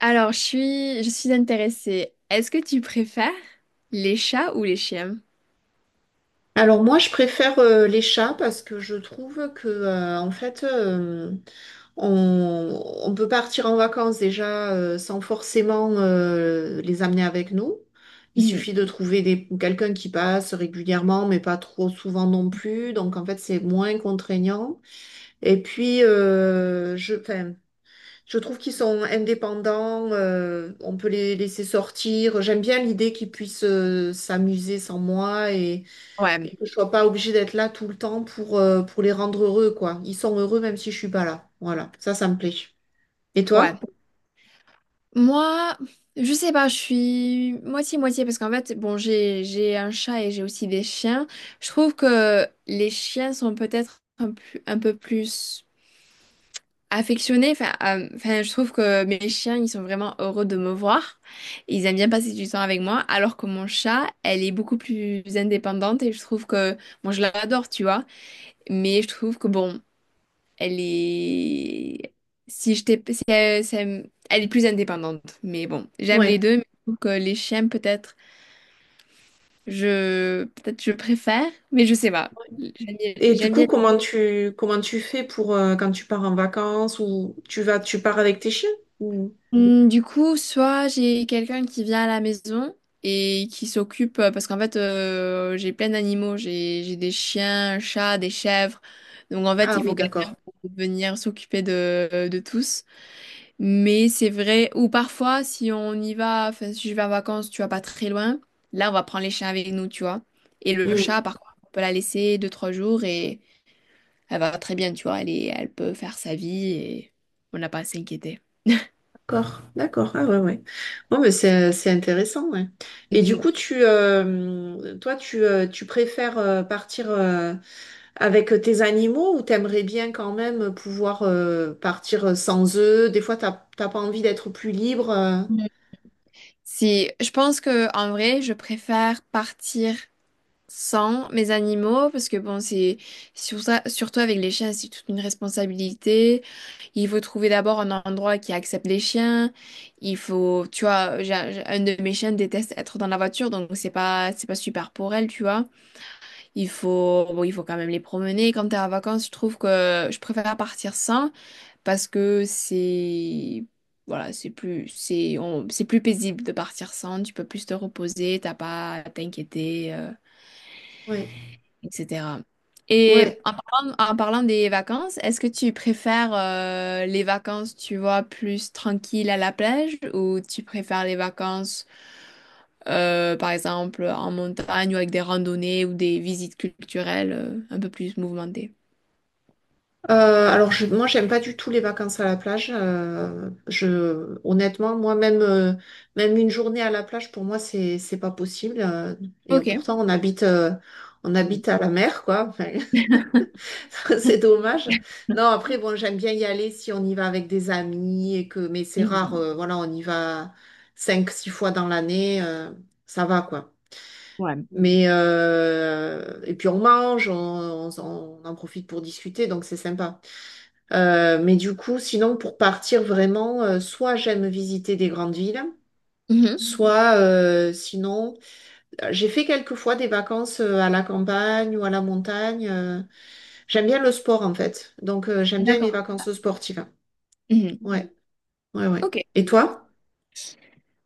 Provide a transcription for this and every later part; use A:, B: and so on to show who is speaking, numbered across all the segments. A: Alors, je suis intéressée. Est-ce que tu préfères les chats ou les chiens?
B: Alors moi, je préfère les chats parce que je trouve que on peut partir en vacances déjà sans forcément les amener avec nous. Il
A: Mhm.
B: suffit de trouver quelqu'un qui passe régulièrement, mais pas trop souvent non plus. Donc en fait, c'est moins contraignant. Et puis, je trouve qu'ils sont indépendants. On peut les laisser sortir. J'aime bien l'idée qu'ils puissent s'amuser sans moi
A: Ouais,
B: et que je sois pas obligée d'être là tout le temps pour les rendre heureux, quoi. Ils sont heureux même si je suis pas là. Voilà, ça me plaît. Et
A: ouais.
B: toi?
A: Moi, je sais pas, je suis moitié-moitié parce qu'en fait, bon, j'ai un chat et j'ai aussi des chiens. Je trouve que les chiens sont peut-être un peu plus affectionnés. Enfin, je trouve que mes chiens, ils sont vraiment heureux de me voir. Ils aiment bien passer du temps avec moi, alors que mon chat, elle est beaucoup plus indépendante, et je trouve que, bon, je l'adore, tu vois. Mais je trouve que, bon, elle est. Si je t'ai. Si, si elle, ça me- Elle est plus indépendante. Mais bon, j'aime les
B: Ouais.
A: deux. Mais je trouve que les chiens, peut-être, je. Peut-être je préfère. Mais je sais pas. J'aime bien.
B: Et du
A: J'aime
B: coup,
A: bien.
B: comment tu fais pour quand tu pars en vacances ou tu pars avec tes chiens? ou-
A: Du coup, soit j'ai quelqu'un qui vient à la maison et qui s'occupe. Parce qu'en fait, j'ai plein d'animaux. J'ai des chiens, un chat, des chèvres. Donc en fait,
B: Ah
A: il
B: oui,
A: faut quelqu'un
B: d'accord.
A: pour venir s'occuper de tous. Mais c'est vrai, ou parfois, si on y va, enfin, si je vais en vacances, tu vas pas très loin, là, on va prendre les chiens avec nous, tu vois. Et le
B: Hmm.
A: chat, par contre, on peut la laisser deux, trois jours et elle va très bien, tu vois. Elle peut faire sa vie et on n'a pas à s'inquiéter.
B: D'accord, d'accord. Ah ouais, ouais. Bon, mais c'est intéressant, ouais. Et du
A: Mhm.
B: coup, tu toi tu tu préfères partir avec tes animaux, ou t'aimerais bien quand même pouvoir partir sans eux? Des fois, t'as pas envie d'être plus libre?
A: Si, je pense que, en vrai, je préfère partir sans mes animaux, parce que bon, c'est surtout avec les chiens, c'est toute une responsabilité. Il faut trouver d'abord un endroit qui accepte les chiens. Il faut, tu vois, un de mes chiens déteste être dans la voiture, donc c'est pas super pour elle, tu vois. Il faut, bon, il faut quand même les promener. Quand t'es en vacances, je trouve que je préfère partir sans, parce que c'est, voilà, c'est plus paisible de partir sans. Tu peux plus te reposer, t'as pas à t'inquiéter,
B: Ouais,
A: etc. Et
B: ouais.
A: en parlant des vacances, est-ce que tu préfères les vacances, tu vois, plus tranquilles à la plage, ou tu préfères les vacances, par exemple, en montagne, ou avec des randonnées ou des visites culturelles un peu plus mouvementées?
B: Moi, j'aime pas du tout les vacances à la plage. Honnêtement, moi même même une journée à la plage pour moi, c'est pas possible. Et
A: Ok.
B: pourtant, on
A: Mhm.
B: habite à la mer, quoi. C'est dommage. Non, après, bon, j'aime bien y aller si on y va avec des amis et que, mais c'est rare,
A: Mhm.
B: voilà, on y va 5, 6 fois dans l'année, ça va, quoi.
A: Ouais.
B: Mais, et puis on mange, on en profite pour discuter, donc c'est sympa. Mais du coup, sinon, pour partir vraiment, soit j'aime visiter des grandes villes,
A: Mhm.
B: soit, j'ai fait quelques fois des vacances à la campagne ou à la montagne. J'aime bien le sport en fait. Donc j'aime bien les
A: D'accord.
B: vacances sportives.
A: Mhm.
B: Ouais, ouais, ouais.
A: Ok.
B: Et toi?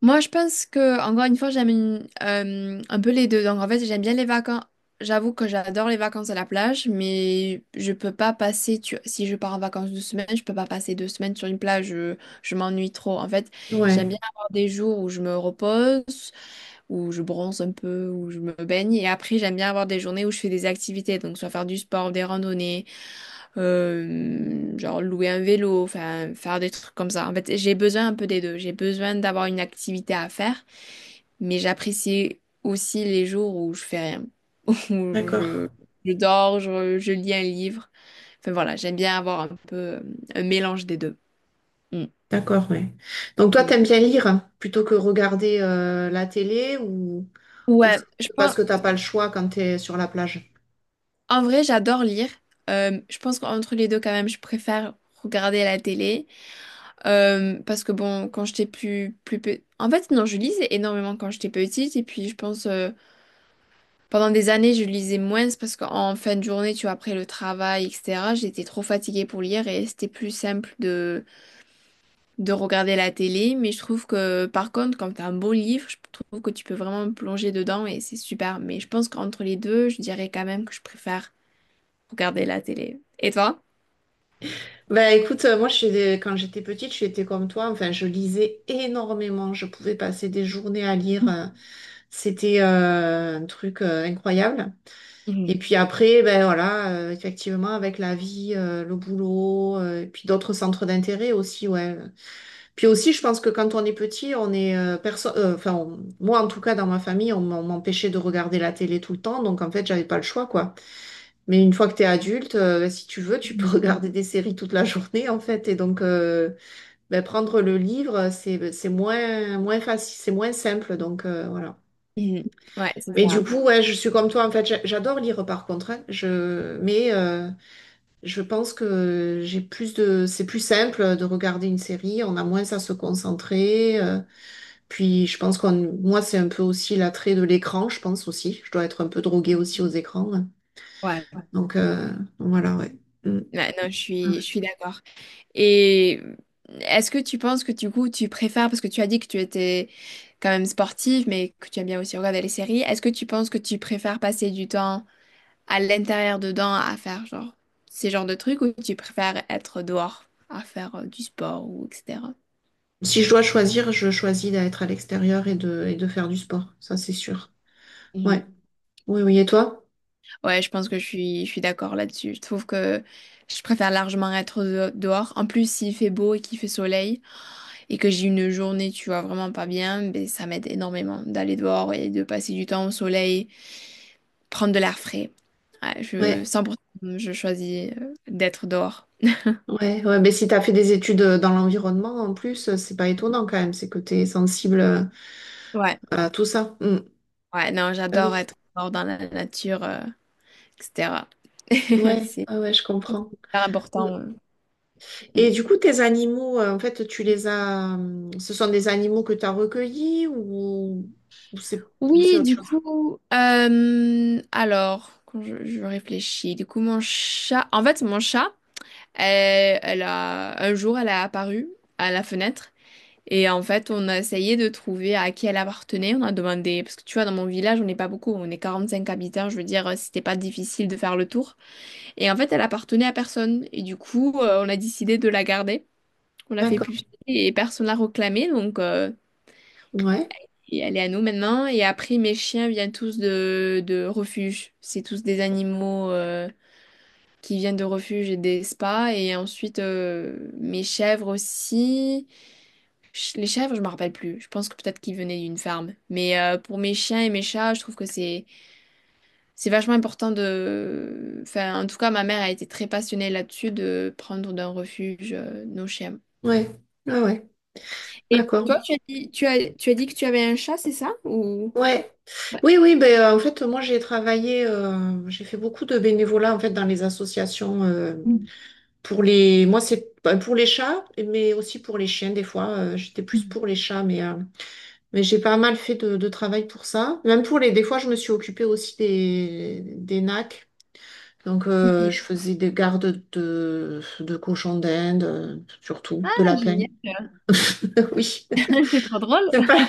A: Moi, je pense que, encore une fois, j'aime un peu les deux. Donc, en fait, j'aime bien les vacances. J'avoue que j'adore les vacances à la plage, mais je peux pas passer, si je pars en vacances 2 semaines, je peux pas passer 2 semaines sur une plage. Je m'ennuie trop. En fait,
B: Ouais,
A: j'aime bien avoir des jours où je me repose, où je bronze un peu, où je me baigne. Et après, j'aime bien avoir des journées où je fais des activités. Donc, soit faire du sport, des randonnées. Genre louer un vélo, enfin faire des trucs comme ça. En fait, j'ai besoin un peu des deux. J'ai besoin d'avoir une activité à faire, mais j'apprécie aussi les jours où je fais rien, où
B: d'accord,
A: je dors, je lis un livre. Enfin voilà, j'aime bien avoir un peu un mélange des deux. Mm.
B: d'accord, ouais. Donc toi,
A: Mm.
B: t'aimes bien lire hein, plutôt que regarder la télé, ou
A: Ouais,
B: c'est
A: je
B: parce
A: pense,
B: que t'as pas le choix quand t'es sur la plage?
A: en vrai, j'adore lire. Je pense qu'entre les deux, quand même, je préfère regarder la télé. Parce que bon, quand j'étais plus, plus pe- en fait, non, je lisais énormément quand j'étais petite. Et puis, je pense, pendant des années, je lisais moins, c'est parce qu'en fin de journée, tu vois, après le travail, etc., j'étais trop fatiguée pour lire et c'était plus simple de regarder la télé. Mais je trouve que, par contre, quand t'as un beau livre, je trouve que tu peux vraiment me plonger dedans et c'est super. Mais je pense qu'entre les deux, je dirais quand même que je préfère regarder la télé. Et toi?
B: Bah écoute, moi je quand j'étais petite, j'étais comme toi. Enfin, je lisais énormément. Je pouvais passer des journées à lire. C'était un truc incroyable.
A: Mhm.
B: Et puis après, ben voilà, effectivement, avec la vie, le boulot, et puis d'autres centres d'intérêt aussi, ouais. Puis aussi, je pense que quand on est petit, on moi en tout cas dans ma famille, on m'empêchait de regarder la télé tout le temps, donc en fait, j'avais pas le choix, quoi. Mais une fois que t'es adulte, ben, si tu veux, tu peux regarder des séries toute la journée, en fait. Et donc, ben, prendre le livre, c'est moins facile, c'est moins simple, donc voilà.
A: Mhm. Ouais, c'est
B: Mais du
A: ça.
B: coup, ouais, je suis comme toi, en fait, j'adore lire par contre, hein. Je... Mais je pense que j'ai plus de... c'est plus simple de regarder une série, on a moins à se concentrer. Puis je pense, c'est un peu aussi l'attrait de l'écran, je pense aussi. Je dois être un peu droguée aussi aux écrans, hein.
A: Ouais,
B: Donc voilà, ouais. Mm.
A: ouais, non, je suis d'accord. Et est-ce que tu penses que, du coup, tu préfères, parce que tu as dit que tu étais quand même sportive, mais que tu aimes bien aussi regarder les séries, est-ce que tu penses que tu préfères passer du temps à l'intérieur dedans à faire genre ces genres de trucs, ou tu préfères être dehors à faire du sport ou etc.
B: Si je dois choisir, je choisis d'être à l'extérieur et de faire du sport, ça c'est sûr.
A: Mhm.
B: Ouais, oui, oui, et toi?
A: Ouais, je pense que je suis d'accord là-dessus. Je trouve que je préfère largement être dehors. En plus, s'il fait beau et qu'il fait soleil, et que j'ai une journée, tu vois, vraiment pas bien, ben, ça m'aide énormément d'aller dehors et de passer du temps au soleil, prendre de l'air frais. Ouais,
B: Ouais.
A: 100%, je choisis d'être dehors.
B: Ouais, ouais, mais si tu as fait des études dans l'environnement, en plus, c'est pas étonnant quand même, c'est que tu es sensible
A: Ouais,
B: à tout ça. Mm.
A: ouais, non,
B: Ah
A: j'adore
B: oui,
A: être dehors dans la nature, etc.
B: ouais,
A: C'est
B: ah ouais, je comprends.
A: hyper
B: Mm.
A: important.
B: Et du coup, tes animaux, tu les as. Ce sont des animaux que tu as recueillis, ou c'est
A: Oui,
B: autre
A: du
B: chose?
A: coup, alors, quand je réfléchis, du coup, mon chat, en fait, mon chat, elle, un jour, elle a apparu à la fenêtre. Et en fait, on a essayé de trouver à qui elle appartenait. On a demandé, parce que tu vois, dans mon village, on n'est pas beaucoup, on est 45 habitants, je veux dire, c'était pas difficile de faire le tour. Et en fait, elle appartenait à personne. Et du coup, on a décidé de la garder. On l'a fait
B: D'accord.
A: puffer et personne l'a réclamée. Donc,
B: Ouais,
A: et elle est à nous maintenant. Et après, mes chiens viennent tous de refuges. C'est tous des animaux qui viennent de refuges et des spas. Et ensuite, mes chèvres aussi. Les chèvres, je me rappelle plus. Je pense que peut-être qu'ils venaient d'une farme. Mais pour mes chiens et mes chats, je trouve que c'est vachement important de. Enfin, en tout cas, ma mère a été très passionnée là-dessus de prendre d'un refuge nos chiens.
B: ouais, ouais, ouais.
A: Et
B: D'accord.
A: toi, tu as dit que tu avais un chat, c'est ça? Ou.
B: Ouais.
A: Ouais.
B: Oui, oui, ben, moi, j'ai fait beaucoup de bénévolat, en fait, dans les associations. Pour les, moi, c'est bah, pour les chats, mais aussi pour les chiens, des fois. J'étais plus
A: Mhm.
B: pour les chats, mais j'ai pas mal fait de travail pour ça. Même pour les, des fois, je me suis occupée aussi des nacs. Donc, je faisais des gardes de cochons d'Inde, surtout, de
A: Ah,
B: lapins.
A: génial.
B: Oui.
A: C'est trop drôle.
B: C'est pas...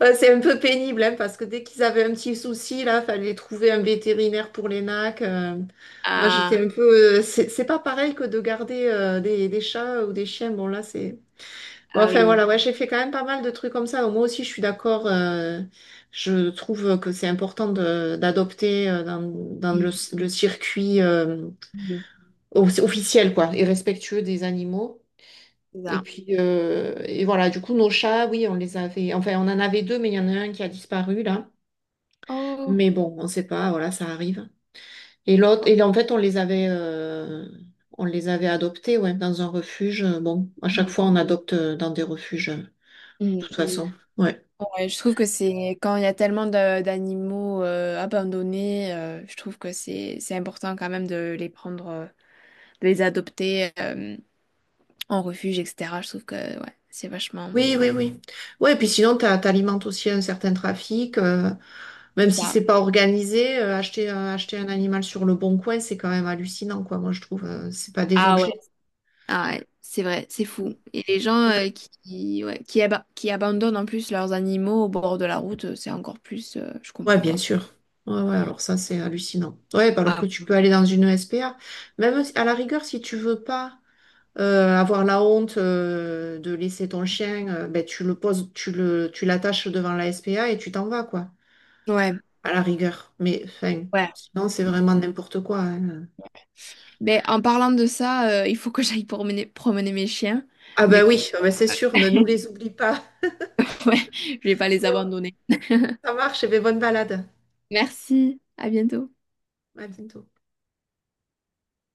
B: ouais, c'est un peu pénible, hein, parce que dès qu'ils avaient un petit souci, là, fallait trouver un vétérinaire pour les nacs. Moi, j'étais
A: Ah,
B: un peu... c'est pas pareil que de garder des chats ou des chiens. Bon, là, c'est... Bon,
A: ah
B: enfin, voilà,
A: oui.
B: ouais, j'ai fait quand même pas mal de trucs comme ça. Moi aussi, je suis d'accord. Je trouve que c'est important d'adopter dans
A: Mhm.
B: le circuit
A: Mhm.
B: officiel, quoi, et respectueux des animaux.
A: C'est
B: Et
A: ça.
B: puis, voilà, du coup, nos chats, oui, on les avait. Enfin, on en avait 2, mais il y en a un qui a disparu, là.
A: Oh.
B: Mais bon, on ne sait pas, voilà, ça arrive. Et l'autre, et en fait, on les avait adoptés, ouais, dans un refuge. Bon, à chaque
A: Mhm.
B: fois, on adopte dans des refuges, de toute
A: Mhm.
B: Oui. façon. Ouais.
A: Ouais, je trouve que c'est quand il y a tellement d'animaux abandonnés, je trouve que c'est important quand même de les prendre, de les adopter en refuge, etc. Je trouve que ouais, c'est vachement.
B: Oui, oui, oui. Ouais, puis sinon, tu alimentes aussi un certain trafic. Même
A: C'est
B: si
A: ça.
B: c'est pas organisé, acheter un animal sur Le Bon Coin, c'est quand même hallucinant, quoi, moi, je trouve. C'est pas des
A: Ah ouais.
B: objets.
A: Ah ouais, c'est vrai, c'est fou. Et les gens qui, ouais, qui abandonnent en plus leurs animaux au bord de la route, c'est encore plus. Je
B: Ouais,
A: comprends
B: bien
A: pas.
B: sûr. Ouais, ouais, alors ça, c'est hallucinant. Ouais, bah alors
A: Ah.
B: que tu peux aller dans une SPA. Même si- à la rigueur, si tu veux pas avoir la honte de laisser ton chien, ben, tu le poses, tu l'attaches devant la SPA et tu t'en vas, quoi.
A: Ouais,
B: À la rigueur. Mais, enfin,
A: ouais.
B: sinon, c'est vraiment n'importe quoi, hein.
A: Mais en parlant de ça, il faut que j'aille promener mes chiens.
B: Ah
A: Du
B: ben
A: coup,
B: oui, ah ben c'est sûr, ne nous les oublie pas.
A: ouais, je vais pas les
B: Bon,
A: abandonner.
B: ça marche, et ben bonne balade.
A: Merci, à bientôt.
B: À bientôt.